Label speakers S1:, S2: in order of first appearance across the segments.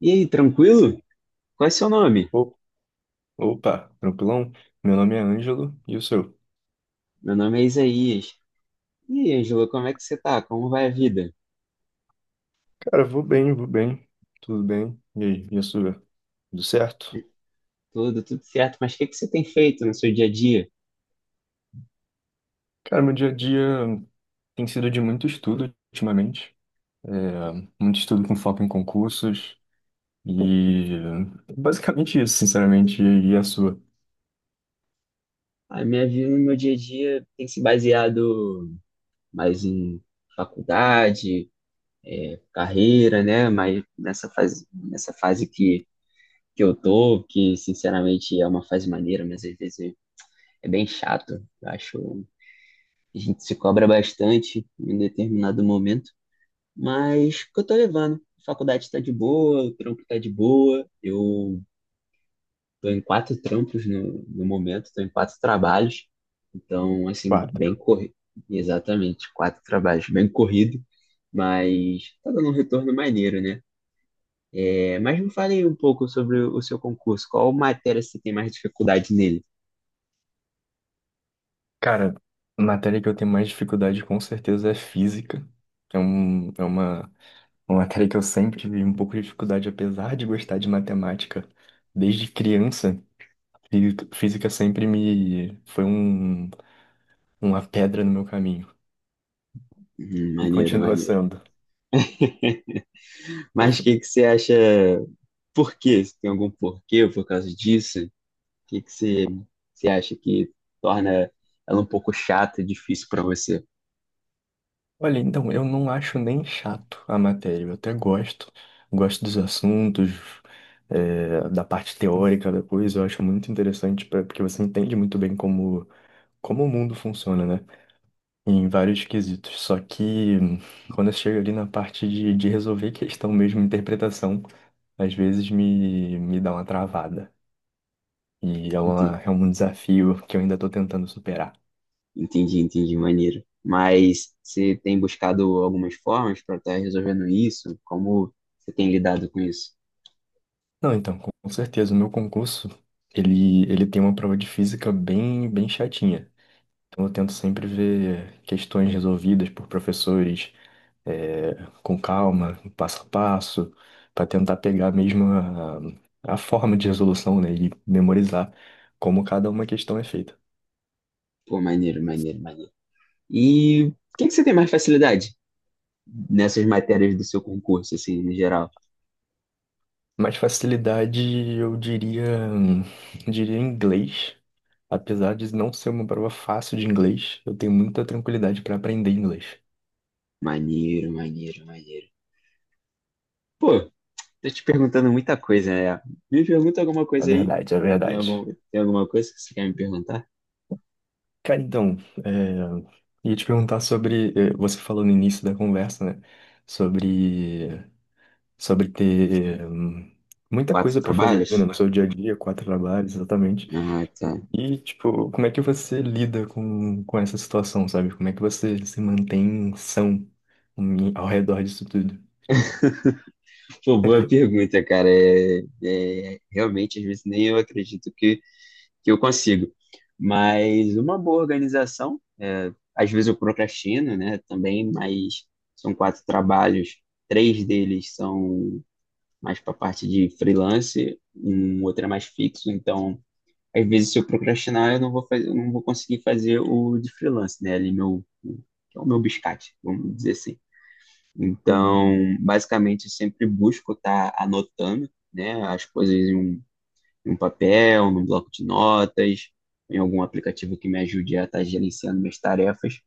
S1: E aí, tranquilo? Qual é seu nome?
S2: O- Opa, tranquilão? Meu nome é Ângelo e o seu?
S1: Meu nome é Isaías. E aí, Ângelo, como é que você tá? Como vai a vida?
S2: Cara, vou bem, tudo bem. E aí, e a sua? Tudo certo?
S1: Tudo certo, mas o que que você tem feito no seu dia a dia?
S2: Cara, meu dia a dia tem sido de muito estudo ultimamente, é, muito estudo com foco em concursos e basicamente isso, sinceramente, e a sua?
S1: A minha vida no meu dia a dia tem se baseado mais em faculdade, carreira, né? Mas nessa fase, que eu tô, que sinceramente é uma fase maneira, mas às vezes é bem chato. Eu acho, a gente se cobra bastante em um determinado momento. Mas que eu tô levando. A faculdade tá de boa, o trampo tá de boa. Eu tô em quatro trampos no momento, tô em quatro trabalhos. Então, assim,
S2: Claro.
S1: bem corrido. Exatamente, quatro trabalhos, bem corrido. Mas tá dando um retorno maneiro, né? É, mas me fale aí um pouco sobre o seu concurso. Qual matéria você tem mais dificuldade nele?
S2: Cara, a matéria que eu tenho mais dificuldade com certeza é física. É, uma matéria que eu sempre tive um pouco de dificuldade, apesar de gostar de matemática desde criança. E física sempre me foi uma pedra no meu caminho. E
S1: Maneiro,
S2: continua
S1: maneiro.
S2: sendo.
S1: Mas o que que você acha? Por quê? Se tem algum porquê por causa disso? O que que você acha que torna ela um pouco chata e difícil para você?
S2: Olha, então, eu não acho nem chato a matéria. Eu até gosto. Gosto dos assuntos, da parte teórica da coisa. Eu acho muito interessante porque você entende muito bem como o mundo funciona, né? Em vários quesitos. Só que quando chega ali na parte de resolver questão mesmo, interpretação, às vezes me dá uma travada. E
S1: Entendi,
S2: é um desafio que eu ainda estou tentando superar.
S1: entendi, entendi, maneiro. Mas você tem buscado algumas formas para estar resolvendo isso? Como você tem lidado com isso?
S2: Não, então, com certeza, o meu concurso, ele tem uma prova de física bem, bem chatinha. Então, eu tento sempre ver questões resolvidas por professores, é, com calma, passo a passo, para tentar pegar mesmo a forma de resolução, né, e memorizar como cada uma questão é feita.
S1: Pô, maneiro, maneiro, maneiro. E o que que você tem mais facilidade nessas matérias do seu concurso, assim, no geral?
S2: Mais facilidade, eu diria, hum, inglês. Apesar de não ser uma prova fácil de inglês, eu tenho muita tranquilidade para aprender inglês.
S1: Maneiro, maneiro, maneiro. Pô, tô te perguntando muita coisa, né? Me pergunta alguma
S2: É
S1: coisa aí.
S2: verdade, é
S1: Tem
S2: verdade.
S1: algum, Tem alguma coisa que você quer me perguntar?
S2: Cara, então, é, ia te perguntar sobre, você falou no início da conversa, né? Sobre, sobre ter muita
S1: Quatro
S2: coisa para fazer, né?
S1: trabalhos?
S2: No seu dia a dia, quatro trabalhos, exatamente.
S1: Ah, tá.
S2: E, tipo, como é que você lida com essa situação, sabe? Como é que você se mantém são ao redor disso tudo?
S1: Pô, boa pergunta, cara. Realmente, às vezes, nem eu acredito que eu consigo. Mas uma boa organização, é, às vezes eu procrastino, né, também, mas são quatro trabalhos, três deles são mais para parte de freelance, um outro é mais fixo, então, às vezes, se eu procrastinar, eu não vou fazer, eu não vou conseguir fazer o de freelance, né, ali meu, que é o meu biscate, vamos dizer assim.
S2: Uhum.
S1: Então, basicamente, eu sempre busco estar anotando, né, as coisas em um papel, num bloco de notas, em algum aplicativo que me ajude a estar gerenciando minhas tarefas.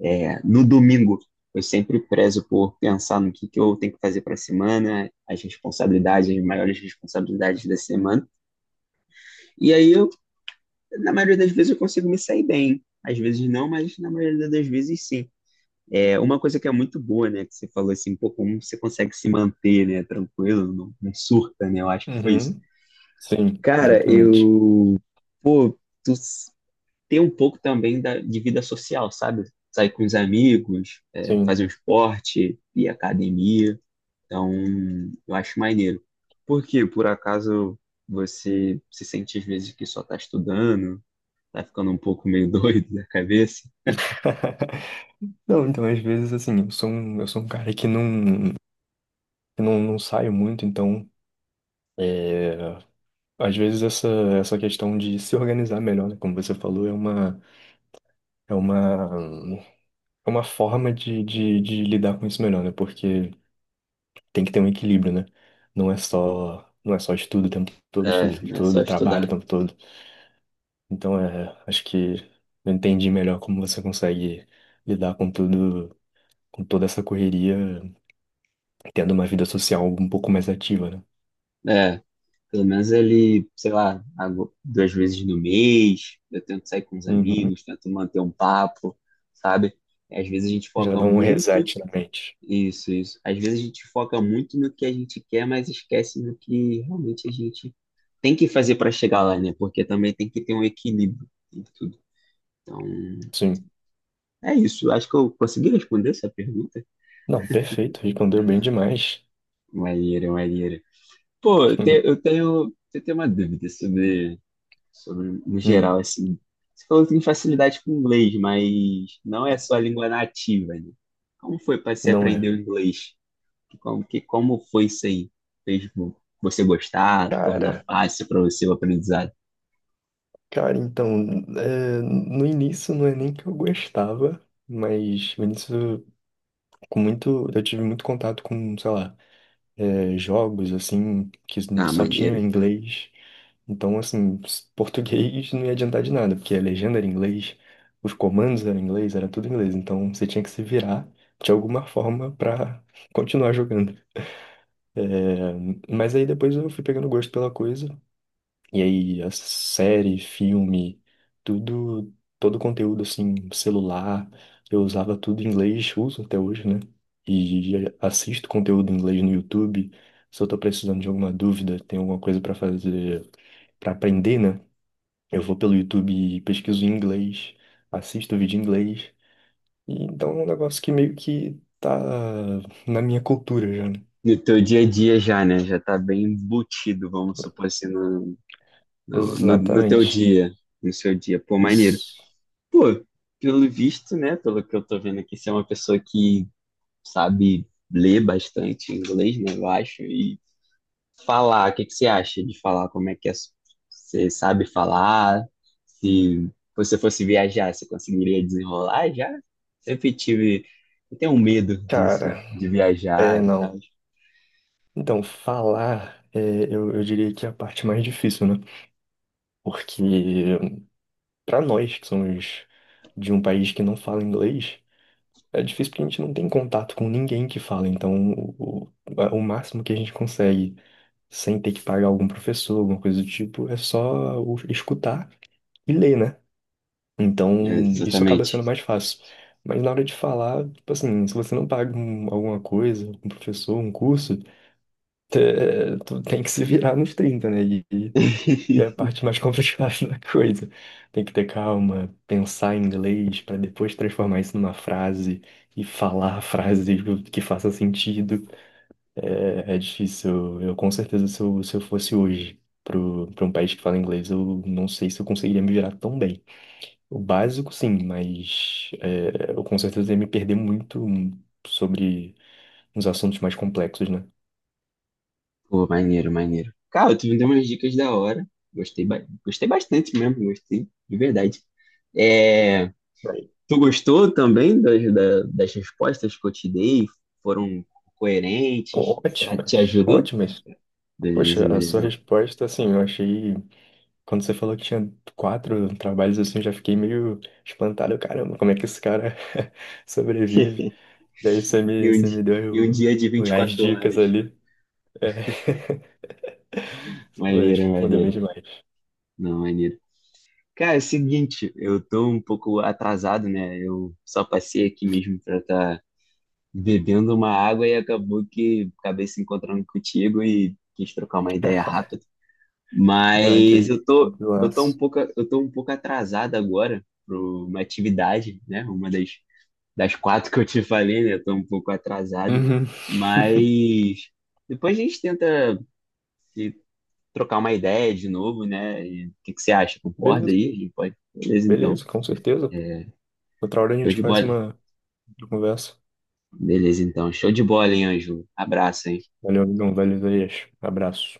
S1: É, no domingo, eu sempre prezo por pensar no que eu tenho que fazer para a semana, as responsabilidades, as maiores responsabilidades da semana. E aí, eu, na maioria das vezes, eu consigo me sair bem. Às vezes não, mas na maioria das vezes sim. É uma coisa que é muito boa, né? Que você falou assim, pô, como você consegue se manter, né? Tranquilo, não surta, né? Eu acho que foi isso.
S2: Uhum. Sim,
S1: Cara,
S2: exatamente.
S1: eu, pô, tu s- ter um pouco também de vida social, sabe? Sair com os amigos, é, fazer
S2: Sim.
S1: um esporte, ir à academia. Então, eu acho maneiro. Por quê? Por acaso você se sente às vezes que só tá estudando, tá ficando um pouco meio doido da cabeça?
S2: Não, então, às vezes, assim, eu sou um cara que não saio muito, então, é, às vezes essa questão de se organizar melhor, né, como você falou, é uma, é uma forma de lidar com isso melhor, né, porque tem que ter um equilíbrio, né, não é só, não é só estudo o tempo todo, estudo o tempo
S1: É, é só
S2: todo, trabalho o
S1: estudar.
S2: tempo todo, então, acho que eu entendi melhor como você consegue lidar com tudo, com toda essa correria tendo uma vida social um pouco mais ativa, né?
S1: É. Pelo menos ele, sei lá, duas vezes no mês, eu tento sair com os
S2: Uhum.
S1: amigos, tento manter um papo, sabe? Às vezes a gente
S2: Já
S1: foca
S2: dá um
S1: muito,
S2: reset na mente.
S1: isso, isso. Às vezes a gente foca muito no que a gente quer, mas esquece no que realmente a gente tem que fazer para chegar lá, né? Porque também tem que ter um equilíbrio em tudo. Então,
S2: Sim.
S1: é isso. Acho que eu consegui responder essa pergunta.
S2: Não, perfeito, respondeu bem demais.
S1: Maneira, maneira. Pô, eu tenho uma dúvida sobre, no
S2: Hum,
S1: geral, assim. Você falou que tem facilidade com inglês, mas não é só a língua nativa, né? Como foi para você
S2: não
S1: aprender
S2: é.
S1: o inglês? Como foi isso aí? Fez vo- Você gostar, tornar
S2: Cara,
S1: fácil para você o aprendizado?
S2: cara, então, no início não é nem que eu gostava, mas no início, eu tive muito contato com, sei lá, jogos, assim, que
S1: Ah,
S2: só
S1: maneiro.
S2: tinha inglês. Então, assim, português não ia adiantar de nada, porque a legenda era em inglês, os comandos eram em inglês, era tudo em inglês. Então, você tinha que se virar de alguma forma pra continuar jogando. É, mas aí depois eu fui pegando gosto pela coisa. E aí, a série, filme, tudo, todo o conteúdo assim, celular, eu usava tudo em inglês, uso até hoje, né? E assisto conteúdo em inglês no YouTube. Se eu tô precisando de alguma dúvida, tem alguma coisa pra fazer, pra aprender, né? Eu vou pelo YouTube e pesquiso em inglês, assisto vídeo em inglês. E então é um negócio que meio que tá na minha cultura já, né?
S1: No teu dia a dia já, né? Já tá bem embutido, vamos supor assim, no teu
S2: Exatamente.
S1: dia, no seu dia. Pô, maneiro.
S2: Isso.
S1: Pô, pelo visto, né? Pelo que eu tô vendo aqui, você é uma pessoa que sabe ler bastante inglês, né, eu acho, e falar, o que que você acha de falar, como é que é, você sabe falar, se você fosse viajar, você conseguiria desenrolar já? Sempre tive, eu tenho um medo disso,
S2: Cara,
S1: de
S2: é
S1: viajar e
S2: não.
S1: tal.
S2: Então, falar, eu diria que é a parte mais difícil, né? Porque para nós que somos de um país que não fala inglês, é difícil porque a gente não tem contato com ninguém que fala. Então, o máximo que a gente consegue, sem ter que pagar algum professor, alguma coisa do tipo, é só escutar e ler, né?
S1: É,
S2: Então, isso acaba
S1: exatamente.
S2: sendo mais fácil. Mas na hora de falar, tipo assim, se você não paga alguma coisa, um professor, um curso. Tu tem que se virar nos 30, né? E é a parte mais complicada da coisa. Tem que ter calma, pensar em inglês para depois transformar isso numa frase e falar a frase que faça sentido. É difícil. Eu, com certeza, se eu fosse hoje pra um país que fala inglês, eu não sei se eu conseguiria me virar tão bem. O básico, sim, mas eu com certeza ia me perder muito sobre uns assuntos mais complexos, né?
S1: Pô, maneiro, maneiro. Cara, tu me deu umas dicas da hora. Gostei, gostei bastante mesmo, gostei, de verdade. É,
S2: Bem.
S1: Tu gostou também das respostas que eu te dei? Foram coerentes? Será que te
S2: Ótimas,
S1: ajudou?
S2: ótimas.
S1: Beleza,
S2: Poxa, a sua
S1: beleza.
S2: resposta, assim, eu achei. Quando você falou que tinha quatro trabalhos, assim, eu já fiquei meio espantado. Caramba, como é que esse cara sobrevive? Daí você
S1: E
S2: me,
S1: um,
S2: você me
S1: di- e um
S2: deu
S1: dia de
S2: as
S1: 24
S2: dicas
S1: horas.
S2: ali. É. Pô,
S1: Maneiro,
S2: respondeu bem
S1: maneiro.
S2: demais.
S1: Não, maneiro. Cara, é o seguinte, eu tô um pouco atrasado, né? Eu só passei aqui mesmo pra estar tá bebendo uma água e acabou que acabei se encontrando contigo e quis trocar uma ideia rápida.
S2: Ah, que
S1: Mas
S2: aí,
S1: eu tô um
S2: tranquilaço.
S1: pouco, eu tô um pouco atrasado agora para uma atividade, né? Uma das, das quatro que eu te falei, né? Eu tô um pouco atrasado,
S2: Uhum.
S1: mas depois a gente tenta se trocar uma ideia de novo, né? E o que que você acha? Concorda
S2: Beleza,
S1: aí? A gente pode? Beleza, então.
S2: beleza, com certeza. Outra hora a
S1: Show
S2: gente
S1: de
S2: faz
S1: bola.
S2: uma outra conversa.
S1: Beleza, então. Show de bola, hein, Ângelo? Abraço, hein?
S2: Valeu, amigão, valeu, Isaías. Abraço.